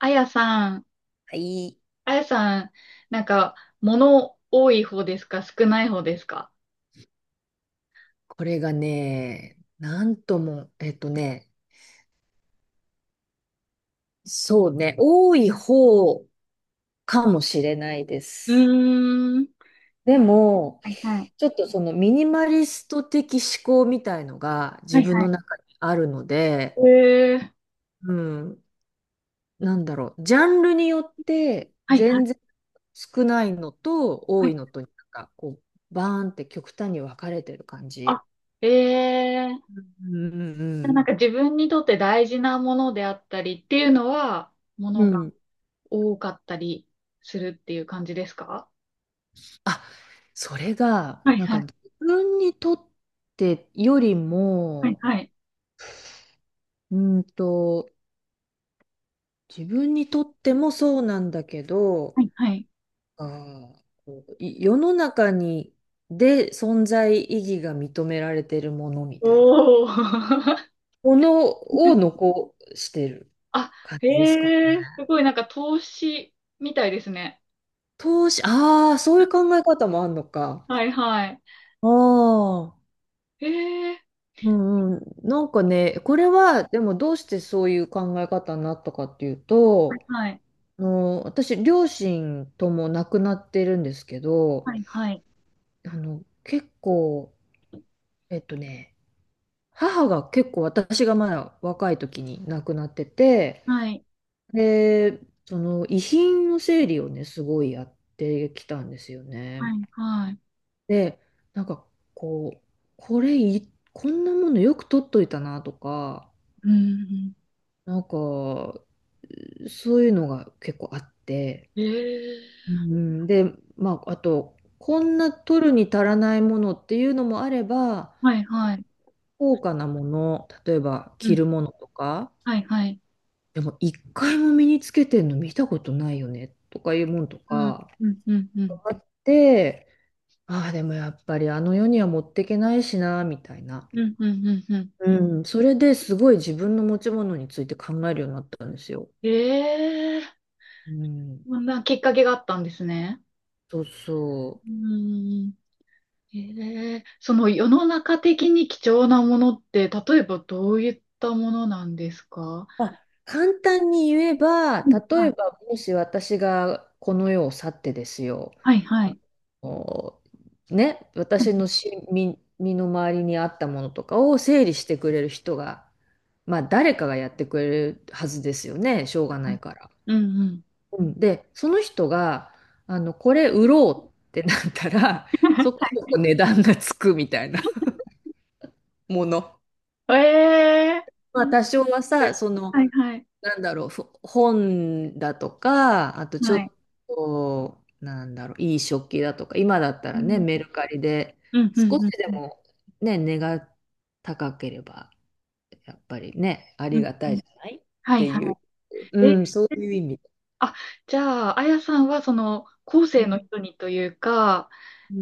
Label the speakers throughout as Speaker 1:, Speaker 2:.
Speaker 1: あやさん、
Speaker 2: はい。
Speaker 1: あやさん、なんか、物多い方ですか、少ない方ですか？
Speaker 2: これがね、なんとも、そうね、多い方かもしれないで
Speaker 1: う
Speaker 2: す。
Speaker 1: ーん。
Speaker 2: で
Speaker 1: え
Speaker 2: も、
Speaker 1: はいはい。
Speaker 2: ちょっとそのミニマリスト的思考みたいのが
Speaker 1: は
Speaker 2: 自
Speaker 1: い
Speaker 2: 分
Speaker 1: は
Speaker 2: の
Speaker 1: い。
Speaker 2: 中にあるので、
Speaker 1: えー、
Speaker 2: うん、なんだろう、ジャンルによって
Speaker 1: はいはい。
Speaker 2: 全然少ないのと
Speaker 1: は
Speaker 2: 多
Speaker 1: い
Speaker 2: いのと、なんかこう、バーンって極端に分かれてる感
Speaker 1: あ、
Speaker 2: じ。
Speaker 1: えー、
Speaker 2: うんう
Speaker 1: な
Speaker 2: ん
Speaker 1: んか自分にとって大事なものであったりっていうのは、
Speaker 2: うん。
Speaker 1: 物
Speaker 2: う
Speaker 1: が
Speaker 2: ん、
Speaker 1: 多かったりするっていう感じですか？
Speaker 2: あ、それが、
Speaker 1: はい
Speaker 2: なんか
Speaker 1: はい。
Speaker 2: 自分にとってより
Speaker 1: はい
Speaker 2: も、
Speaker 1: はい、
Speaker 2: うんと、自分にとってもそうなんだけど、
Speaker 1: はいはい。
Speaker 2: あー、こうい世の中に、で存在意義が認められてるものみたいな
Speaker 1: おー。
Speaker 2: ものを 残してる
Speaker 1: あ、
Speaker 2: 感
Speaker 1: へ
Speaker 2: じですかね。
Speaker 1: えー、すごいなんか投資みたいですね。
Speaker 2: 投資、ああ、そういう考え方もあるのか。
Speaker 1: はいはい。
Speaker 2: ああ。
Speaker 1: ええ、
Speaker 2: うんうん、なんかね、これはでもどうしてそういう考え方になったかっていうと、
Speaker 1: はい。
Speaker 2: あの私、両親とも亡くなってるんですけど、
Speaker 1: はい、はい。
Speaker 2: あの結構、えっとね、母が結構私がまだ若い時に亡くなってて、
Speaker 1: はい、
Speaker 2: で、その遺品の整理をね、すごいやってきたんですよね。
Speaker 1: はい、はい。
Speaker 2: で、なんかこう、これい、こんなものよく取っといたなとか、
Speaker 1: うん、
Speaker 2: なんか、そういうのが結構あって、
Speaker 1: え
Speaker 2: う
Speaker 1: え、
Speaker 2: ん、で、まあ、あと、こんな取るに足らないものっていうのもあれば、
Speaker 1: はい、
Speaker 2: こ
Speaker 1: は
Speaker 2: う
Speaker 1: い。
Speaker 2: 高価なもの、例えば
Speaker 1: う
Speaker 2: 着
Speaker 1: ん、
Speaker 2: るものとか、
Speaker 1: はい、はい。
Speaker 2: でも一回も身につけてんの見たことないよねとかいうもんと
Speaker 1: うん、
Speaker 2: か
Speaker 1: うん、うん、うん。
Speaker 2: あって、ああ、でもやっぱりあの世には持ってけないしな、みたいな。
Speaker 1: うん、うん、うん。
Speaker 2: うん、それですごい自分の持ち物について考えるようになったんですよ。
Speaker 1: ええ。
Speaker 2: うん、
Speaker 1: こんなきっかけがあったんですね。
Speaker 2: そうそ
Speaker 1: う
Speaker 2: う。
Speaker 1: ん。ええ、その世の中的に貴重なものって、例えばどういったものなんですか？
Speaker 2: まあ、簡単に言えば、
Speaker 1: うん、
Speaker 2: 例えばもし私がこの世を去ってですよ、
Speaker 1: はい、はい、は
Speaker 2: あ
Speaker 1: い。
Speaker 2: のね、
Speaker 1: はい、
Speaker 2: 私の身の回りにあったものとかを整理してくれる人が、まあ誰かがやってくれるはずですよね、しょうが
Speaker 1: は
Speaker 2: な
Speaker 1: い。
Speaker 2: いから。
Speaker 1: うんうん。
Speaker 2: うん、で、その人が、あの、これ売ろうってなったら、そこ そこ値段がつくみたいなもの。
Speaker 1: ええ、
Speaker 2: まあ多少はさ、その、
Speaker 1: はい、はい、
Speaker 2: なんだろう、本だとか、あとちょ
Speaker 1: はい。
Speaker 2: っと、なんだろう、いい食器だとか、今だった
Speaker 1: う
Speaker 2: らね、
Speaker 1: ん
Speaker 2: メルカリで、
Speaker 1: うん、うん、
Speaker 2: 少
Speaker 1: う
Speaker 2: し
Speaker 1: ん、
Speaker 2: で
Speaker 1: うん、
Speaker 2: もね、値が高ければ、やっぱりね、あ
Speaker 1: う
Speaker 2: り
Speaker 1: ん
Speaker 2: が
Speaker 1: う
Speaker 2: たい
Speaker 1: ん。
Speaker 2: じゃないっ
Speaker 1: はい、
Speaker 2: ていう、
Speaker 1: はい。
Speaker 2: うん、そういう意味で。
Speaker 1: あ、じゃあ、あやさんは、その、後
Speaker 2: う
Speaker 1: 世の
Speaker 2: ん
Speaker 1: 人にというか、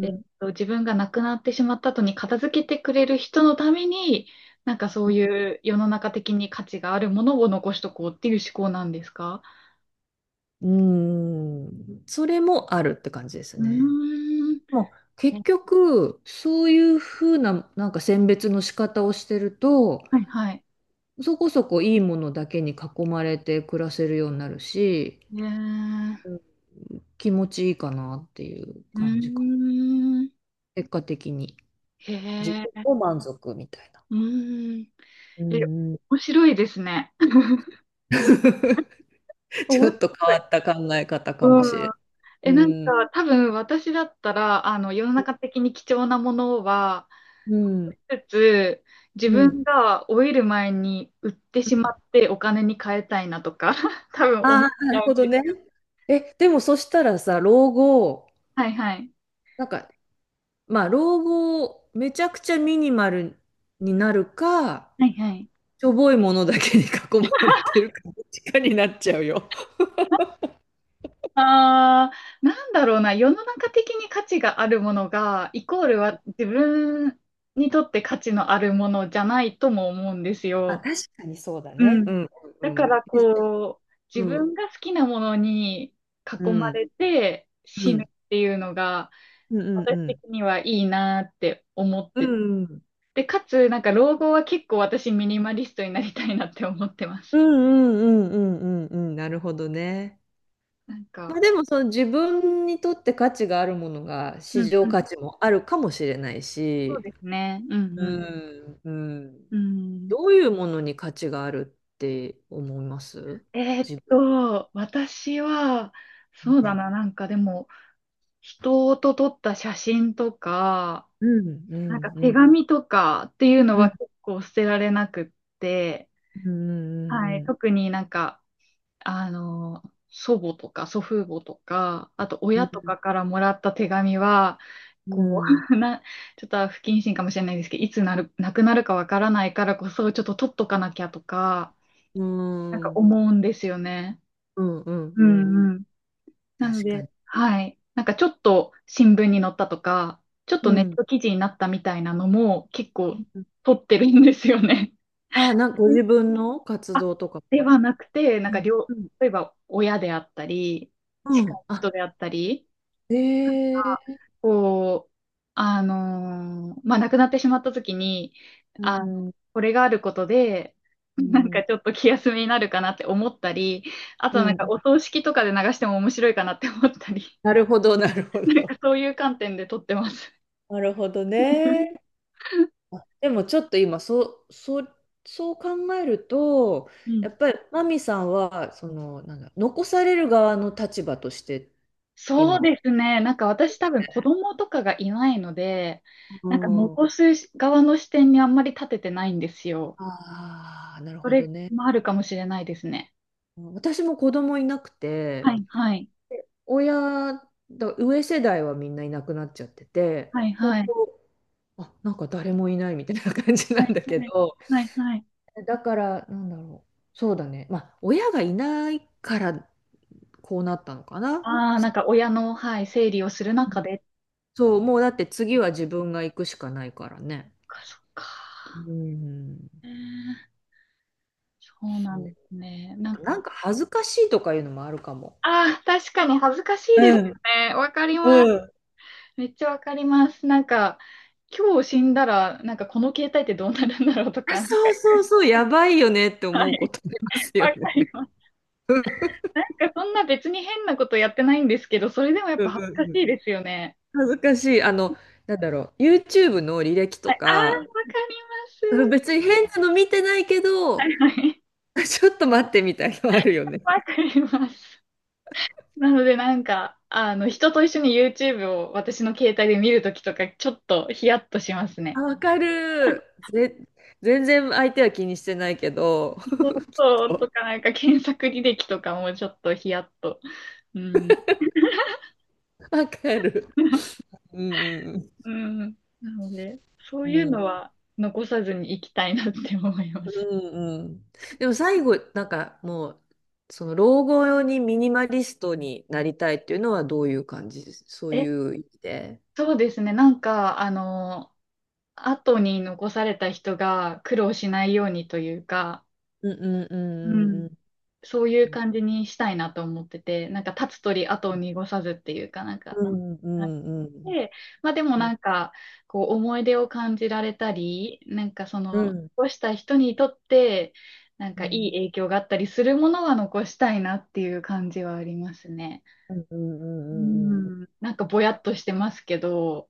Speaker 1: えっ自分が亡くなってしまった後に片付けてくれる人のために、なんかそういう世の中的に価値があるものを残しとこうっていう思考なんですか？
Speaker 2: ん、うん、それもあるって感じです
Speaker 1: う
Speaker 2: ね。
Speaker 1: ーん。
Speaker 2: もう
Speaker 1: え
Speaker 2: 結局、そういうふうな、なんか選別の仕方をしてると、
Speaker 1: はい、はい。
Speaker 2: そこそこいいものだけに囲まれて暮らせるようになるし、
Speaker 1: えー、
Speaker 2: うん、気持ちいいかなっていう
Speaker 1: うー
Speaker 2: 感じか。
Speaker 1: ん。
Speaker 2: 結果的に。自
Speaker 1: へ
Speaker 2: 分
Speaker 1: え、
Speaker 2: も満足みたいな。
Speaker 1: うーん。
Speaker 2: う
Speaker 1: え、
Speaker 2: んうん。
Speaker 1: 面白いですね。面
Speaker 2: ちょ
Speaker 1: 白
Speaker 2: っ
Speaker 1: い。
Speaker 2: と変わった考え方かも
Speaker 1: う
Speaker 2: しれな
Speaker 1: ん。
Speaker 2: い。う
Speaker 1: なん
Speaker 2: ん。
Speaker 1: か、多分私だったら、あの、世の中的に貴重なものは、
Speaker 2: うん。
Speaker 1: つつ、自
Speaker 2: う
Speaker 1: 分
Speaker 2: ん。
Speaker 1: が老いる前に売ってしまってお金に変えたいなとか、多分思っ
Speaker 2: ああ、な
Speaker 1: ちゃ
Speaker 2: る
Speaker 1: うん
Speaker 2: ほど
Speaker 1: で
Speaker 2: ね。
Speaker 1: す。
Speaker 2: え、でもそしたらさ、老後、
Speaker 1: はいはい。
Speaker 2: なんか、まあ、老後、めちゃくちゃミニマルになるか、
Speaker 1: はいはい。
Speaker 2: しょぼいものだけに囲まれてるか、どっちかになっちゃうよ。
Speaker 1: あー、なんだろうな、世の中的に価値があるものが、イコールは自分にとって価値のあるものじゃないとも思うんです
Speaker 2: あ、
Speaker 1: よ。
Speaker 2: 確かにそうだ
Speaker 1: う
Speaker 2: ね。
Speaker 1: ん。
Speaker 2: うん。う
Speaker 1: だか
Speaker 2: ん。
Speaker 1: らこう、
Speaker 2: う
Speaker 1: 自
Speaker 2: ん。
Speaker 1: 分が好きなものに
Speaker 2: う
Speaker 1: 囲ま
Speaker 2: ん。
Speaker 1: れて
Speaker 2: う
Speaker 1: 死ぬっ
Speaker 2: ん。
Speaker 1: ていうのが、
Speaker 2: うんうん
Speaker 1: 私
Speaker 2: う
Speaker 1: 的
Speaker 2: ん。
Speaker 1: にはいいなって思っ
Speaker 2: う
Speaker 1: て。
Speaker 2: ん。
Speaker 1: で、かつ、なんか老後は結構私ミニマリストになりたいなって思ってま
Speaker 2: う
Speaker 1: す。
Speaker 2: んうんうんうんうんうん。なるほどね。
Speaker 1: なん
Speaker 2: まあ
Speaker 1: か、
Speaker 2: でもその自分にとって価値があるものが
Speaker 1: う
Speaker 2: 市
Speaker 1: ん
Speaker 2: 場
Speaker 1: うん、
Speaker 2: 価値もあるかもしれない
Speaker 1: そう
Speaker 2: し、
Speaker 1: ですね。うん
Speaker 2: う
Speaker 1: うん。
Speaker 2: んうん。
Speaker 1: うん。
Speaker 2: どういうものに価値があるって思います？自分。
Speaker 1: 私は、そうだ
Speaker 2: ん
Speaker 1: な、なんかでも、人と撮った写真とか、
Speaker 2: うんう
Speaker 1: なんか
Speaker 2: ん
Speaker 1: 手
Speaker 2: うん
Speaker 1: 紙とかっていうの
Speaker 2: う
Speaker 1: は
Speaker 2: ん
Speaker 1: 結構捨てられなくって、
Speaker 2: うん
Speaker 1: は
Speaker 2: う
Speaker 1: い、
Speaker 2: ん
Speaker 1: 特になんか、あの、祖母とか祖父母とか、あと
Speaker 2: うん
Speaker 1: 親
Speaker 2: う
Speaker 1: と
Speaker 2: ん
Speaker 1: かからもらった手紙は、
Speaker 2: う
Speaker 1: こ
Speaker 2: ん
Speaker 1: う、ちょっと不謹慎かもしれないですけど、いつなる、なくなるかわからないからこそ、ちょっと取っとかなきゃとか、
Speaker 2: う
Speaker 1: なん
Speaker 2: ん
Speaker 1: か
Speaker 2: うん
Speaker 1: 思うんですよね。
Speaker 2: うんうん
Speaker 1: う
Speaker 2: うん。
Speaker 1: んうん。なの
Speaker 2: 確か
Speaker 1: で、
Speaker 2: に。
Speaker 1: はい。なんかちょっと新聞に載ったとか、ちょっと
Speaker 2: う
Speaker 1: ネッ
Speaker 2: ん。
Speaker 1: ト記事になったみたいなのも結構取ってるんですよね。
Speaker 2: あ、なんかご自分の活動とか
Speaker 1: で
Speaker 2: は？
Speaker 1: はなくて、なん
Speaker 2: う
Speaker 1: か
Speaker 2: んうん
Speaker 1: 例えば親であったり、
Speaker 2: う
Speaker 1: 近
Speaker 2: ん。
Speaker 1: い人
Speaker 2: あ、
Speaker 1: であったりが、
Speaker 2: ええ
Speaker 1: こう、まあ、亡くなってしまった時に、
Speaker 2: う
Speaker 1: あの、
Speaker 2: ん、う
Speaker 1: これがあることで、なんか
Speaker 2: ん、
Speaker 1: ちょっと気休めになるかなって思ったり、あ
Speaker 2: う
Speaker 1: となんか
Speaker 2: ん。
Speaker 1: お葬式とかで流しても面白いかなって思ったり、
Speaker 2: なるほど、なるほ
Speaker 1: なんか
Speaker 2: ど。
Speaker 1: そういう観点で撮ってます。
Speaker 2: なるほどね。あでもちょっと今、そう考えると、
Speaker 1: う
Speaker 2: や
Speaker 1: ん。
Speaker 2: っぱりマミさんは、その、なんだ、残される側の立場として、
Speaker 1: そう
Speaker 2: 今。
Speaker 1: ですね。なんか私多分子供とかがいないので、
Speaker 2: う
Speaker 1: なんか
Speaker 2: ん。あ
Speaker 1: 残す側の視点にあんまり立ててないんですよ。
Speaker 2: あ、なる
Speaker 1: そ
Speaker 2: ほど
Speaker 1: れ
Speaker 2: ね。
Speaker 1: もあるかもしれないですね。
Speaker 2: 私も子供いなく
Speaker 1: は
Speaker 2: て、
Speaker 1: い、はい。
Speaker 2: で親だ、上世代はみんないなくなっちゃってて、
Speaker 1: はい、
Speaker 2: 本
Speaker 1: はい。
Speaker 2: 当、あ、なんか誰もいないみたいな感じ
Speaker 1: は
Speaker 2: な
Speaker 1: い、
Speaker 2: んだけ
Speaker 1: はい。
Speaker 2: ど、
Speaker 1: はい、はい。
Speaker 2: だから、なんだろう、そうだね、まあ、親がいないからこうなったのかな。
Speaker 1: ああ、な
Speaker 2: さ、
Speaker 1: んか親の、はい、整理をする
Speaker 2: う
Speaker 1: 中
Speaker 2: ん。
Speaker 1: で。
Speaker 2: そう、もうだって次は自分が行くしかないからね。
Speaker 1: そっか、そっか。
Speaker 2: うん、
Speaker 1: えーそう
Speaker 2: そ
Speaker 1: なん
Speaker 2: う。
Speaker 1: ですね。
Speaker 2: あ
Speaker 1: なん
Speaker 2: とな
Speaker 1: か、
Speaker 2: んか恥ずかしいとかいうのもあるかも。
Speaker 1: ああ、確かに恥ずかしいです
Speaker 2: うん、
Speaker 1: よね。わかります。
Speaker 2: うん。
Speaker 1: めっちゃわかります。なんか、今日死んだら、なんかこの携帯ってどうなるんだろうと
Speaker 2: あ、
Speaker 1: か、なんか、
Speaker 2: そうそうそう、やばいよねって
Speaker 1: は
Speaker 2: 思うこ
Speaker 1: い、
Speaker 2: とありますよ
Speaker 1: わかり
Speaker 2: ね。
Speaker 1: ます。
Speaker 2: うん
Speaker 1: なんかそんな別に変なことやってないんですけど、それでもやっ
Speaker 2: う
Speaker 1: ぱ
Speaker 2: ん
Speaker 1: 恥
Speaker 2: う
Speaker 1: ずかし
Speaker 2: んうん。
Speaker 1: いですよね。
Speaker 2: 恥ずかしい。あの、なんだろう。YouTube の履歴と
Speaker 1: はい、あ
Speaker 2: か、
Speaker 1: あ、
Speaker 2: う
Speaker 1: わか
Speaker 2: ん、
Speaker 1: ります。
Speaker 2: 別に変なの見てないけ
Speaker 1: は
Speaker 2: ど、
Speaker 1: いはい。
Speaker 2: ちょっと待ってみたいのあるよね。
Speaker 1: わかります。なのでなんか、人と一緒に YouTube を私の携帯で見るときとか、ちょっとヒヤッとします
Speaker 2: あ、
Speaker 1: ね。
Speaker 2: わかる。全然相手は気にしてないけど、
Speaker 1: そうそう とか、なんか検索履歴とかもちょっとヒヤッと。うん
Speaker 2: わかる。うん
Speaker 1: うん。なので、そ
Speaker 2: う
Speaker 1: う
Speaker 2: ん
Speaker 1: いう
Speaker 2: う
Speaker 1: の
Speaker 2: ん。
Speaker 1: は残さずに行きたいなって思いま
Speaker 2: う
Speaker 1: す。
Speaker 2: んうん。でも最後、なんかもう、その老後用にミニマリストになりたいっていうのはどういう感じです？そう
Speaker 1: え、
Speaker 2: いう意味で。
Speaker 1: そうですね。なんか、後に残された人が苦労しないようにというか、
Speaker 2: うんうんう
Speaker 1: う
Speaker 2: ん
Speaker 1: ん、そうい
Speaker 2: うんう
Speaker 1: う
Speaker 2: ん。
Speaker 1: 感じにしたいなと思ってて、なんか、立つ鳥後を濁さずっていうかなんか、
Speaker 2: うんう
Speaker 1: あ、
Speaker 2: んうんうん。
Speaker 1: で、まあでもなんか、こう思い出を感じられたり、なんかそ
Speaker 2: う
Speaker 1: の、
Speaker 2: ん。
Speaker 1: 残した人にとって、なん
Speaker 2: う
Speaker 1: かいい
Speaker 2: ん、
Speaker 1: 影響があったりするものは残したいなっていう感じはありますね。
Speaker 2: うんうんう
Speaker 1: う
Speaker 2: んうんうん。
Speaker 1: ん、なんかぼやっとしてますけど、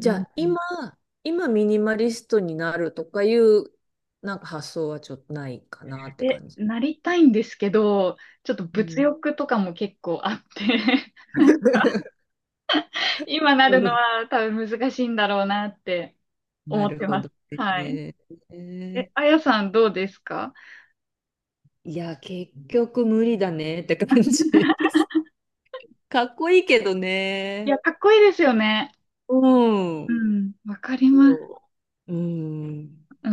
Speaker 1: う
Speaker 2: ゃ
Speaker 1: ん。
Speaker 2: あ今、ミニマリストになるとかいうなんか発想はちょっとないかなって
Speaker 1: で、
Speaker 2: 感じ。
Speaker 1: なりたいんですけど、ちょっと
Speaker 2: う
Speaker 1: 物
Speaker 2: ん、
Speaker 1: 欲とかも結構あって 今な
Speaker 2: う
Speaker 1: るの
Speaker 2: ん。
Speaker 1: は多分難しいんだろうなって
Speaker 2: な
Speaker 1: 思っ
Speaker 2: る
Speaker 1: て
Speaker 2: ほ
Speaker 1: ま
Speaker 2: ど
Speaker 1: す。はい。
Speaker 2: ね。ー
Speaker 1: あやさん、どうですか？
Speaker 2: いや、結局無理だねって感じです。かっこいいけど
Speaker 1: いや、
Speaker 2: ね。
Speaker 1: かっこいいですよね。
Speaker 2: う
Speaker 1: う
Speaker 2: ん。
Speaker 1: ん、わかります。
Speaker 2: そう。うん。
Speaker 1: う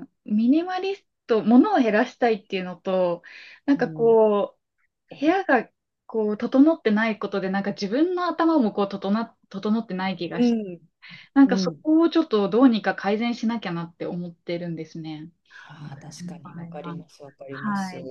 Speaker 1: ん。ミニマリスト、物を減らしたいっていうのと、なん
Speaker 2: う
Speaker 1: か
Speaker 2: ん。
Speaker 1: こう、部屋がこう、整ってないことで、なんか自分の頭もこう、整ってない気が
Speaker 2: う
Speaker 1: して、
Speaker 2: ん。
Speaker 1: なんか
Speaker 2: う
Speaker 1: そ
Speaker 2: ん。
Speaker 1: こをちょっとどうにか改善しなきゃなって思ってるんですね。
Speaker 2: ああ、確か
Speaker 1: 場
Speaker 2: にわか
Speaker 1: 合
Speaker 2: り
Speaker 1: は。
Speaker 2: ます、わかります。
Speaker 1: はい。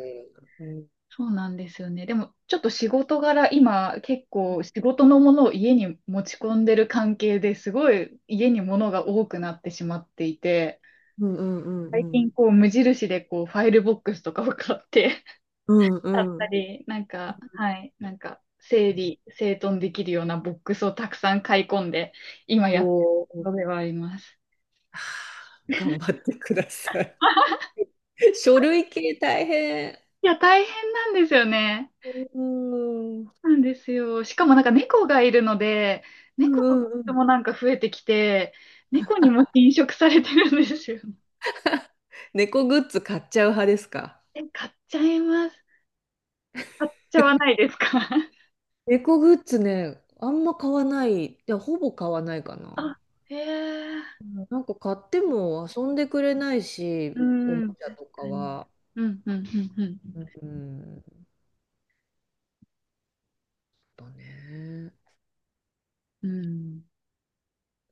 Speaker 2: うん
Speaker 1: そうなんですよね。でも、ちょっと仕事柄、今、結構仕事のものを家に持ち込んでる関係ですごい家に物が多くなってしまっていて、
Speaker 2: うんうんう
Speaker 1: 最
Speaker 2: んうん。
Speaker 1: 近こう無印でこうファイルボックスとかを買って
Speaker 2: う ん
Speaker 1: だっ
Speaker 2: う
Speaker 1: た
Speaker 2: ん。
Speaker 1: り、なんか、はい、なんか整理、整頓できるようなボックスをたくさん買い込んで、今やって
Speaker 2: お
Speaker 1: る
Speaker 2: ー、
Speaker 1: のではあります。
Speaker 2: 頑張ってください。書類系大変。
Speaker 1: いや、大変なんですよね。
Speaker 2: うん。うん
Speaker 1: なんですよ。しかもなんか猫がいるので、
Speaker 2: う
Speaker 1: 猫の
Speaker 2: んう
Speaker 1: 人
Speaker 2: ん。
Speaker 1: もなんか増えてきて、猫にも侵食されてるんですよ。
Speaker 2: 猫グッズ買っちゃう派ですか？
Speaker 1: え、買っちゃいます。買っちゃわないですか？
Speaker 2: 猫グッズね、あんま買わない。いや、ほぼ買わないかな。
Speaker 1: あ、へえ。
Speaker 2: うん、なんか買っても遊んでくれないし、
Speaker 1: う
Speaker 2: おも
Speaker 1: ん、
Speaker 2: ち
Speaker 1: 確
Speaker 2: ゃとか
Speaker 1: かに。
Speaker 2: は。
Speaker 1: うん、うん、うん、うん。
Speaker 2: うん。だね。
Speaker 1: うん。